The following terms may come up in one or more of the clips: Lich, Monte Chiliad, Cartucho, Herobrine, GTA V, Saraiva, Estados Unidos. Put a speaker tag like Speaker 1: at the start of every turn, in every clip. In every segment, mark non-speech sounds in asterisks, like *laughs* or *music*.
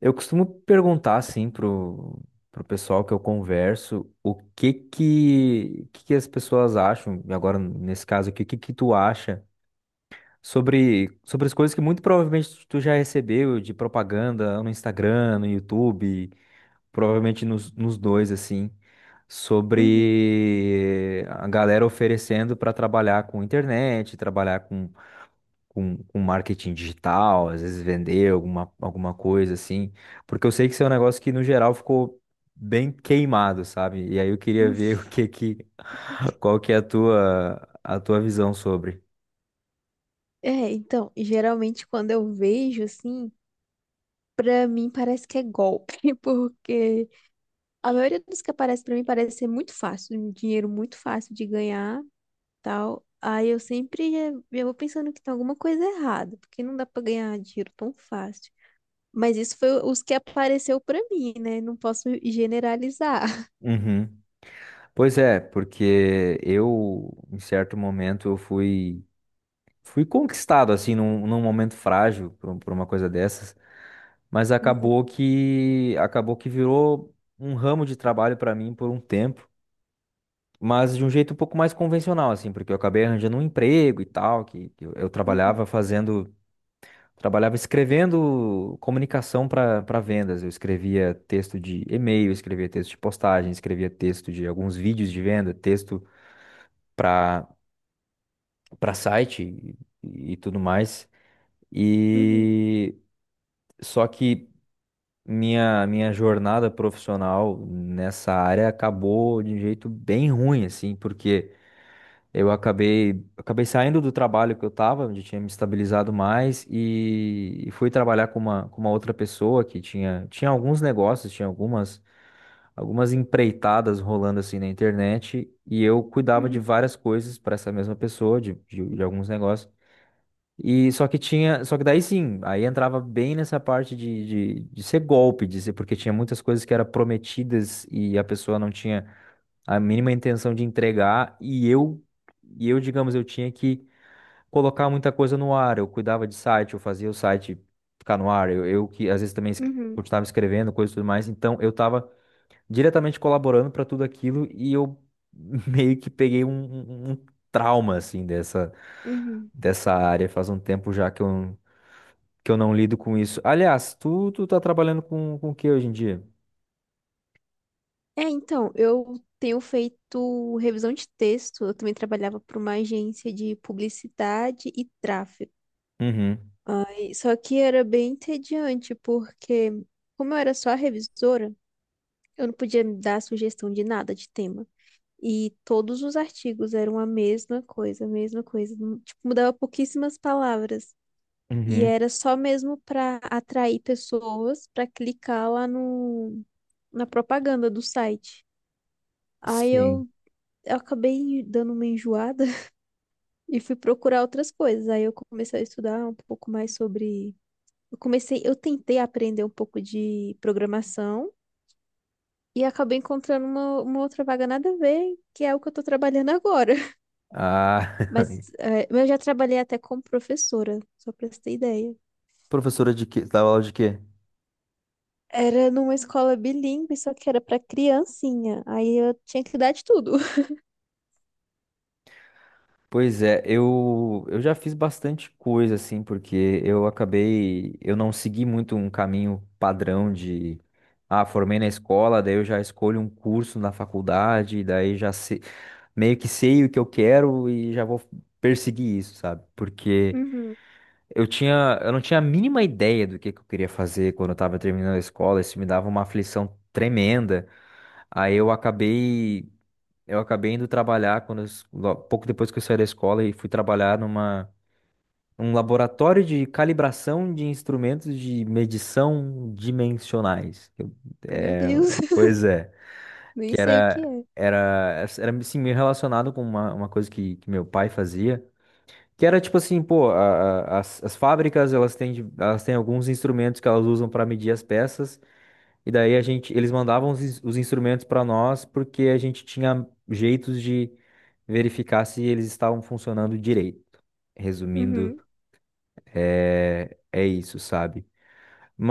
Speaker 1: Eu costumo perguntar assim pro pessoal que eu converso o que que as pessoas acham, e agora nesse caso aqui, o que que tu acha sobre as coisas que muito provavelmente tu já recebeu de propaganda no Instagram, no YouTube, provavelmente nos dois assim,
Speaker 2: Uhum. *laughs*
Speaker 1: sobre a galera oferecendo para trabalhar com internet, trabalhar com com marketing digital, às vezes vender alguma coisa assim, porque eu sei que isso é um negócio que no geral ficou bem queimado, sabe? E aí eu queria
Speaker 2: Uhum.
Speaker 1: ver *laughs* o que que, *laughs* qual que é a tua visão sobre.
Speaker 2: É, então, geralmente quando eu vejo assim, pra mim parece que é golpe, *laughs* porque a maioria dos que aparece pra mim parece ser muito fácil, um dinheiro muito fácil de ganhar, tal. Aí eu sempre eu vou pensando que tem alguma coisa errada, porque não dá pra ganhar dinheiro tão fácil. Mas isso foi os que apareceu pra mim, né? Não posso generalizar.
Speaker 1: Uhum. Pois é, porque em certo momento, eu fui conquistado, assim, num momento frágil por uma coisa dessas, mas
Speaker 2: *laughs*
Speaker 1: acabou que virou um ramo de trabalho para mim por um tempo. Mas de um jeito um pouco mais convencional, assim, porque eu acabei arranjando um emprego e tal, que eu
Speaker 2: Uhum,
Speaker 1: trabalhava fazendo, trabalhava escrevendo comunicação para vendas. Eu escrevia texto de e-mail, escrevia texto de postagem, escrevia texto de alguns vídeos de venda, texto para para site e tudo mais.
Speaker 2: uhum,
Speaker 1: E só que minha jornada profissional nessa área acabou de um jeito bem ruim, assim, porque eu acabei saindo do trabalho que eu estava, onde tinha me estabilizado mais, e fui trabalhar com uma outra pessoa que tinha alguns negócios, tinha algumas empreitadas rolando assim na internet, e eu cuidava de
Speaker 2: uhum,
Speaker 1: várias coisas para essa mesma pessoa, de alguns negócios. E só que tinha, só que daí sim, aí entrava bem nessa parte de ser golpe, de ser, porque tinha muitas coisas que eram prometidas e a pessoa não tinha a mínima intenção de entregar e eu, digamos, eu tinha que colocar muita coisa no ar. Eu cuidava de site, eu fazia o site ficar no ar. Eu que às vezes também
Speaker 2: uhum,
Speaker 1: continuava escrevendo coisas e tudo mais, então eu estava diretamente colaborando para tudo aquilo e eu *laughs* meio que peguei um trauma assim dessa
Speaker 2: uhum, uhum.
Speaker 1: dessa área faz um tempo já que eu não lido com isso. Aliás, tu tá trabalhando com o que hoje em dia?
Speaker 2: É, então, eu tenho feito revisão de texto. Eu também trabalhava para uma agência de publicidade e tráfego.
Speaker 1: Uhum.
Speaker 2: Ai, só que era bem entediante, porque, como eu era só a revisora, eu não podia dar sugestão de nada de tema. E todos os artigos eram a mesma coisa, a mesma coisa. Não- Tipo, mudava pouquíssimas palavras. E
Speaker 1: Uhum.
Speaker 2: era só mesmo para atrair pessoas para clicar lá no, na propaganda do site. Aí
Speaker 1: Sim.
Speaker 2: eu acabei dando uma enjoada *laughs* e fui procurar outras coisas. Aí eu comecei a estudar um pouco mais sobre. Eu comecei, eu tentei aprender um pouco de programação e acabei encontrando uma outra vaga nada a ver, que é o que eu tô trabalhando agora. *laughs*
Speaker 1: Ah, *laughs*
Speaker 2: Mas eu já trabalhei até como professora, só pra você ter ideia.
Speaker 1: Professora de quê? Você dava aula de quê?
Speaker 2: Era numa escola bilíngue, só que era pra criancinha. Aí eu tinha que dar de tudo. *laughs*
Speaker 1: Pois é, eu já fiz bastante coisa, assim, porque eu acabei, eu não segui muito um caminho padrão de, ah, formei na escola, daí eu já escolho um curso na faculdade, daí já meio que sei o que eu quero e já vou perseguir isso, sabe? Porque
Speaker 2: Uhum.
Speaker 1: eu não tinha a mínima ideia do que eu queria fazer quando eu tava terminando a escola, isso me dava uma aflição tremenda, aí eu acabei. Eu acabei indo trabalhar quando pouco depois que eu saí da escola e fui trabalhar numa um laboratório de calibração de instrumentos de medição dimensionais.
Speaker 2: Meu
Speaker 1: É,
Speaker 2: Deus, *laughs*
Speaker 1: pois é,
Speaker 2: nem
Speaker 1: que
Speaker 2: sei o que
Speaker 1: era
Speaker 2: é.
Speaker 1: era era assim, meio relacionado com uma coisa que meu pai fazia, que era tipo assim, pô, as fábricas elas têm elas têm alguns instrumentos que elas usam para medir as peças e daí a gente, eles mandavam os, os instrumentos para nós porque a gente tinha jeitos de verificar se eles estavam funcionando direito. Resumindo,
Speaker 2: Uhum,
Speaker 1: é, é isso, sabe?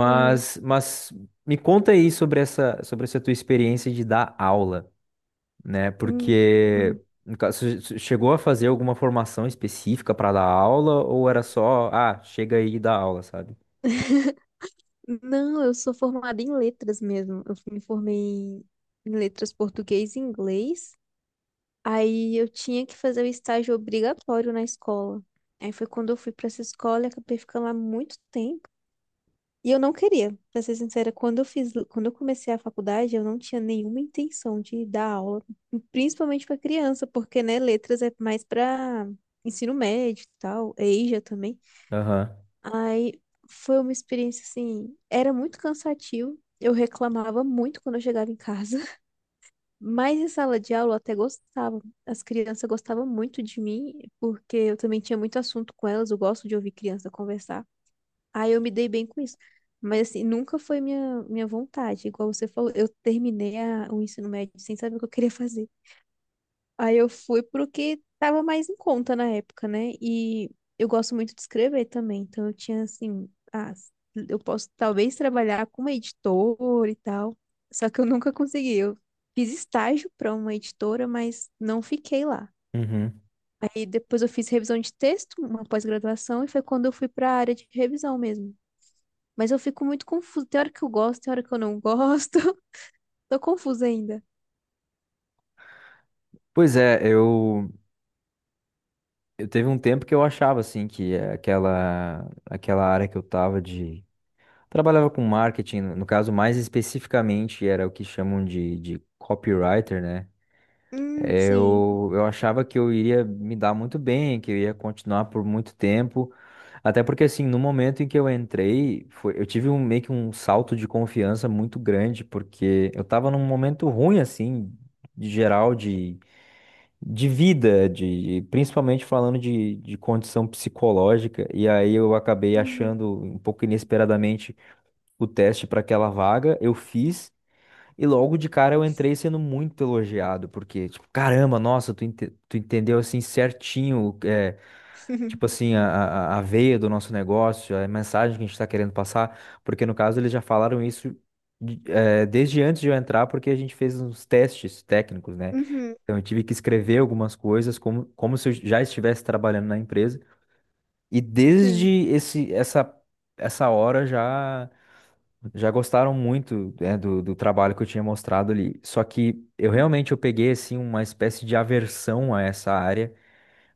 Speaker 2: uhum,
Speaker 1: mas me conta aí sobre essa tua experiência de dar aula, né?
Speaker 2: uhum,
Speaker 1: Porque
Speaker 2: uhum.
Speaker 1: no caso, você chegou a fazer alguma formação específica para dar aula ou era só, ah, chega aí e dá aula, sabe?
Speaker 2: Não, eu sou formada em letras mesmo. Eu me formei em em letras português e inglês. Aí eu tinha que fazer o estágio obrigatório na escola. Aí foi quando eu fui pra essa escola e acabei ficando lá muito tempo. E eu não queria, pra ser sincera, quando eu fiz, quando eu comecei a faculdade, eu não tinha nenhuma intenção de dar aula, principalmente pra criança, porque, né, letras é mais pra ensino médio e tal, EJA também.
Speaker 1: Aham.
Speaker 2: Aí foi uma experiência assim, era muito cansativo. Eu reclamava muito quando eu chegava em casa, *laughs* mas em sala de aula eu até gostava. As crianças gostavam muito de mim, porque eu também tinha muito assunto com elas, eu gosto de ouvir criança conversar. Aí eu me dei bem com isso. Mas assim, nunca foi minha, minha vontade, igual você falou, eu terminei a- o ensino médio sem saber o que eu queria fazer. Aí eu fui pro que tava mais em conta na época, né? E eu gosto muito de escrever também, então eu tinha assim, ah, eu posso talvez trabalhar com uma editora e tal. Só que eu nunca consegui. Eu fiz estágio para uma editora, mas não fiquei lá.
Speaker 1: Uhum.
Speaker 2: Aí depois eu fiz revisão de texto, uma pós-graduação, e foi quando eu fui para a área de revisão mesmo. Mas eu fico muito confusa. Tem hora que eu gosto, tem hora que eu não gosto. *laughs* Tô confusa ainda.
Speaker 1: Pois é, eu. Eu teve um tempo que eu achava assim que aquela área que eu tava de trabalhava com marketing, no caso mais especificamente era o que chamam de copywriter, né?
Speaker 2: Sim.
Speaker 1: Eu achava que eu iria me dar muito bem, que eu ia continuar por muito tempo, até porque assim, no momento em que eu entrei, foi, eu tive um meio que um salto de confiança muito grande, porque eu estava num momento ruim assim, de geral de vida, de principalmente falando de condição psicológica, e aí eu acabei
Speaker 2: Uhum.
Speaker 1: achando um pouco inesperadamente o teste para aquela vaga, eu fiz e logo de cara eu entrei sendo muito elogiado, porque tipo, caramba, nossa, tu, tu entendeu assim certinho, é, tipo
Speaker 2: *laughs*
Speaker 1: assim, a veia do nosso negócio, a mensagem que a gente está querendo passar, porque no caso eles já falaram isso desde antes de eu entrar, porque a gente fez uns testes técnicos, né?
Speaker 2: Uhum.
Speaker 1: Então eu tive que escrever algumas coisas como, como se eu já estivesse trabalhando na empresa. E desde
Speaker 2: Sim.
Speaker 1: essa hora já, já gostaram muito, né, do trabalho que eu tinha mostrado ali. Só que eu realmente eu peguei assim uma espécie de aversão a essa área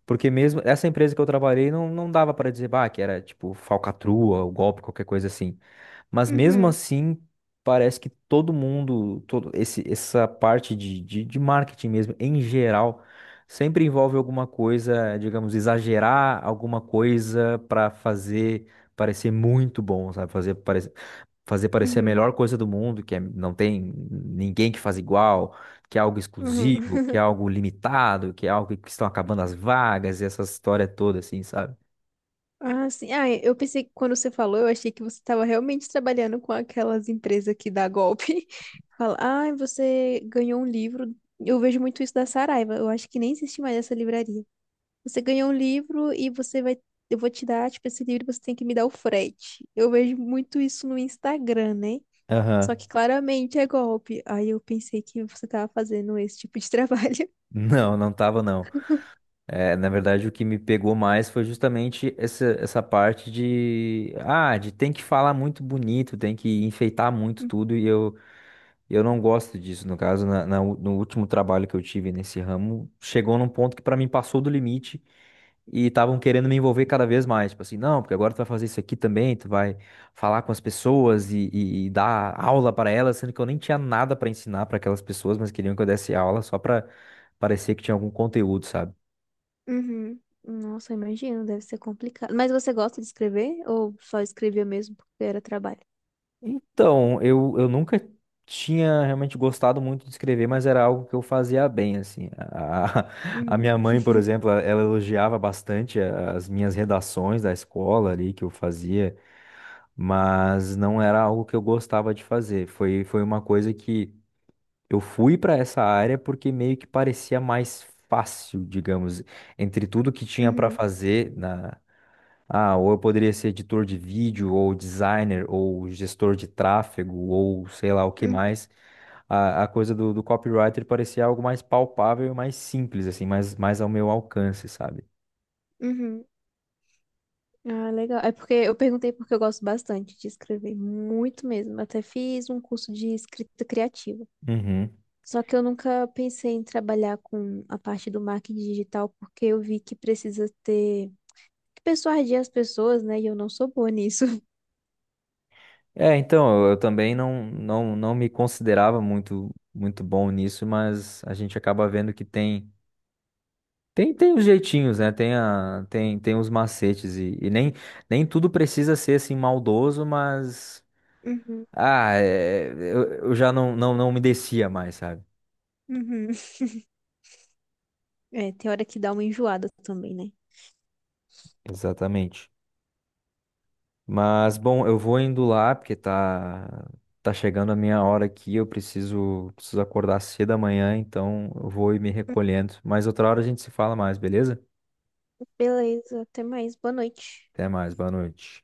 Speaker 1: porque mesmo essa empresa que eu trabalhei não, não dava para dizer, bah, que era tipo falcatrua, ou golpe, qualquer coisa assim. Mas mesmo
Speaker 2: Uhum.
Speaker 1: assim, parece que todo mundo, todo essa parte de marketing mesmo, em geral, sempre envolve alguma coisa, digamos, exagerar alguma coisa para fazer parecer muito bom, sabe? Fazer parecer a
Speaker 2: Uhum,
Speaker 1: melhor coisa do mundo, não tem ninguém que faz igual, que é algo
Speaker 2: uhum.
Speaker 1: exclusivo, que é
Speaker 2: *laughs*
Speaker 1: algo limitado, que é algo que estão acabando as vagas, e essa história toda, assim, sabe?
Speaker 2: Ah, sim. Ah, eu pensei que quando você falou, eu achei que você estava realmente trabalhando com aquelas empresas que dá golpe. *laughs* Fala, ah, você ganhou um livro. Eu vejo muito isso da Saraiva. Eu acho que nem existe mais essa livraria. Você ganhou um livro e você vai. Eu vou te dar, tipo, esse livro, você tem que me dar o frete. Eu vejo muito isso no Instagram, né? Só
Speaker 1: Aham.
Speaker 2: que claramente é golpe. Aí eu pensei que você estava fazendo esse tipo de *laughs* trabalho.
Speaker 1: Não, não tava, não. É, na verdade, o que me pegou mais foi justamente essa parte de, ah, de tem que falar muito bonito, tem que enfeitar muito tudo, e eu não gosto disso. No caso, no último trabalho que eu tive nesse ramo, chegou num ponto que pra mim passou do limite e estavam querendo me envolver cada vez mais. Tipo assim, não, porque agora tu vai fazer isso aqui também, tu vai falar com as pessoas e dar aula para elas, sendo que eu nem tinha nada para ensinar para aquelas pessoas, mas queriam que eu desse aula só para parecer que tinha algum conteúdo, sabe?
Speaker 2: Uhum. Nossa, imagino, deve ser complicado. Mas você gosta de escrever ou só escrevia mesmo porque era trabalho?
Speaker 1: Então, eu nunca tinha realmente gostado muito de escrever, mas era algo que eu fazia bem, assim. A, *laughs* a
Speaker 2: Uhum.
Speaker 1: minha mãe, por exemplo, ela elogiava bastante as minhas redações da escola ali que eu fazia, mas não era algo que eu gostava de fazer. Foi uma coisa que eu fui para essa área porque meio que parecia mais fácil, digamos, entre tudo que tinha para
Speaker 2: Uhum.
Speaker 1: fazer ou eu poderia ser editor de vídeo, ou designer, ou gestor de tráfego, ou sei lá o que
Speaker 2: Uhum.
Speaker 1: mais. A coisa do copywriter parecia algo mais palpável e mais simples, assim, mais ao meu alcance, sabe?
Speaker 2: Uhum. Ah, legal. É porque eu perguntei porque eu gosto bastante de escrever, muito mesmo. Até fiz um curso de escrita criativa.
Speaker 1: Uhum.
Speaker 2: Só que eu nunca pensei em trabalhar com a parte do marketing digital porque eu vi que precisa ter que persuadir as pessoas, né? E eu não sou boa nisso. *laughs*
Speaker 1: É, então, eu também não me considerava muito bom nisso, mas a gente acaba vendo que tem. Tem os jeitinhos, né? Tem os macetes e nem tudo precisa ser assim maldoso, mas
Speaker 2: Uhum.
Speaker 1: ah, é, eu já não me descia mais, sabe?
Speaker 2: Uhum. É, tem hora que dá uma enjoada também, né?
Speaker 1: Exatamente. Mas, bom, eu vou indo lá, porque tá chegando a minha hora aqui, eu preciso acordar cedo amanhã, então eu vou ir me recolhendo. Mas outra hora a gente se fala mais, beleza?
Speaker 2: Beleza, até mais. Boa noite.
Speaker 1: Até mais, boa noite.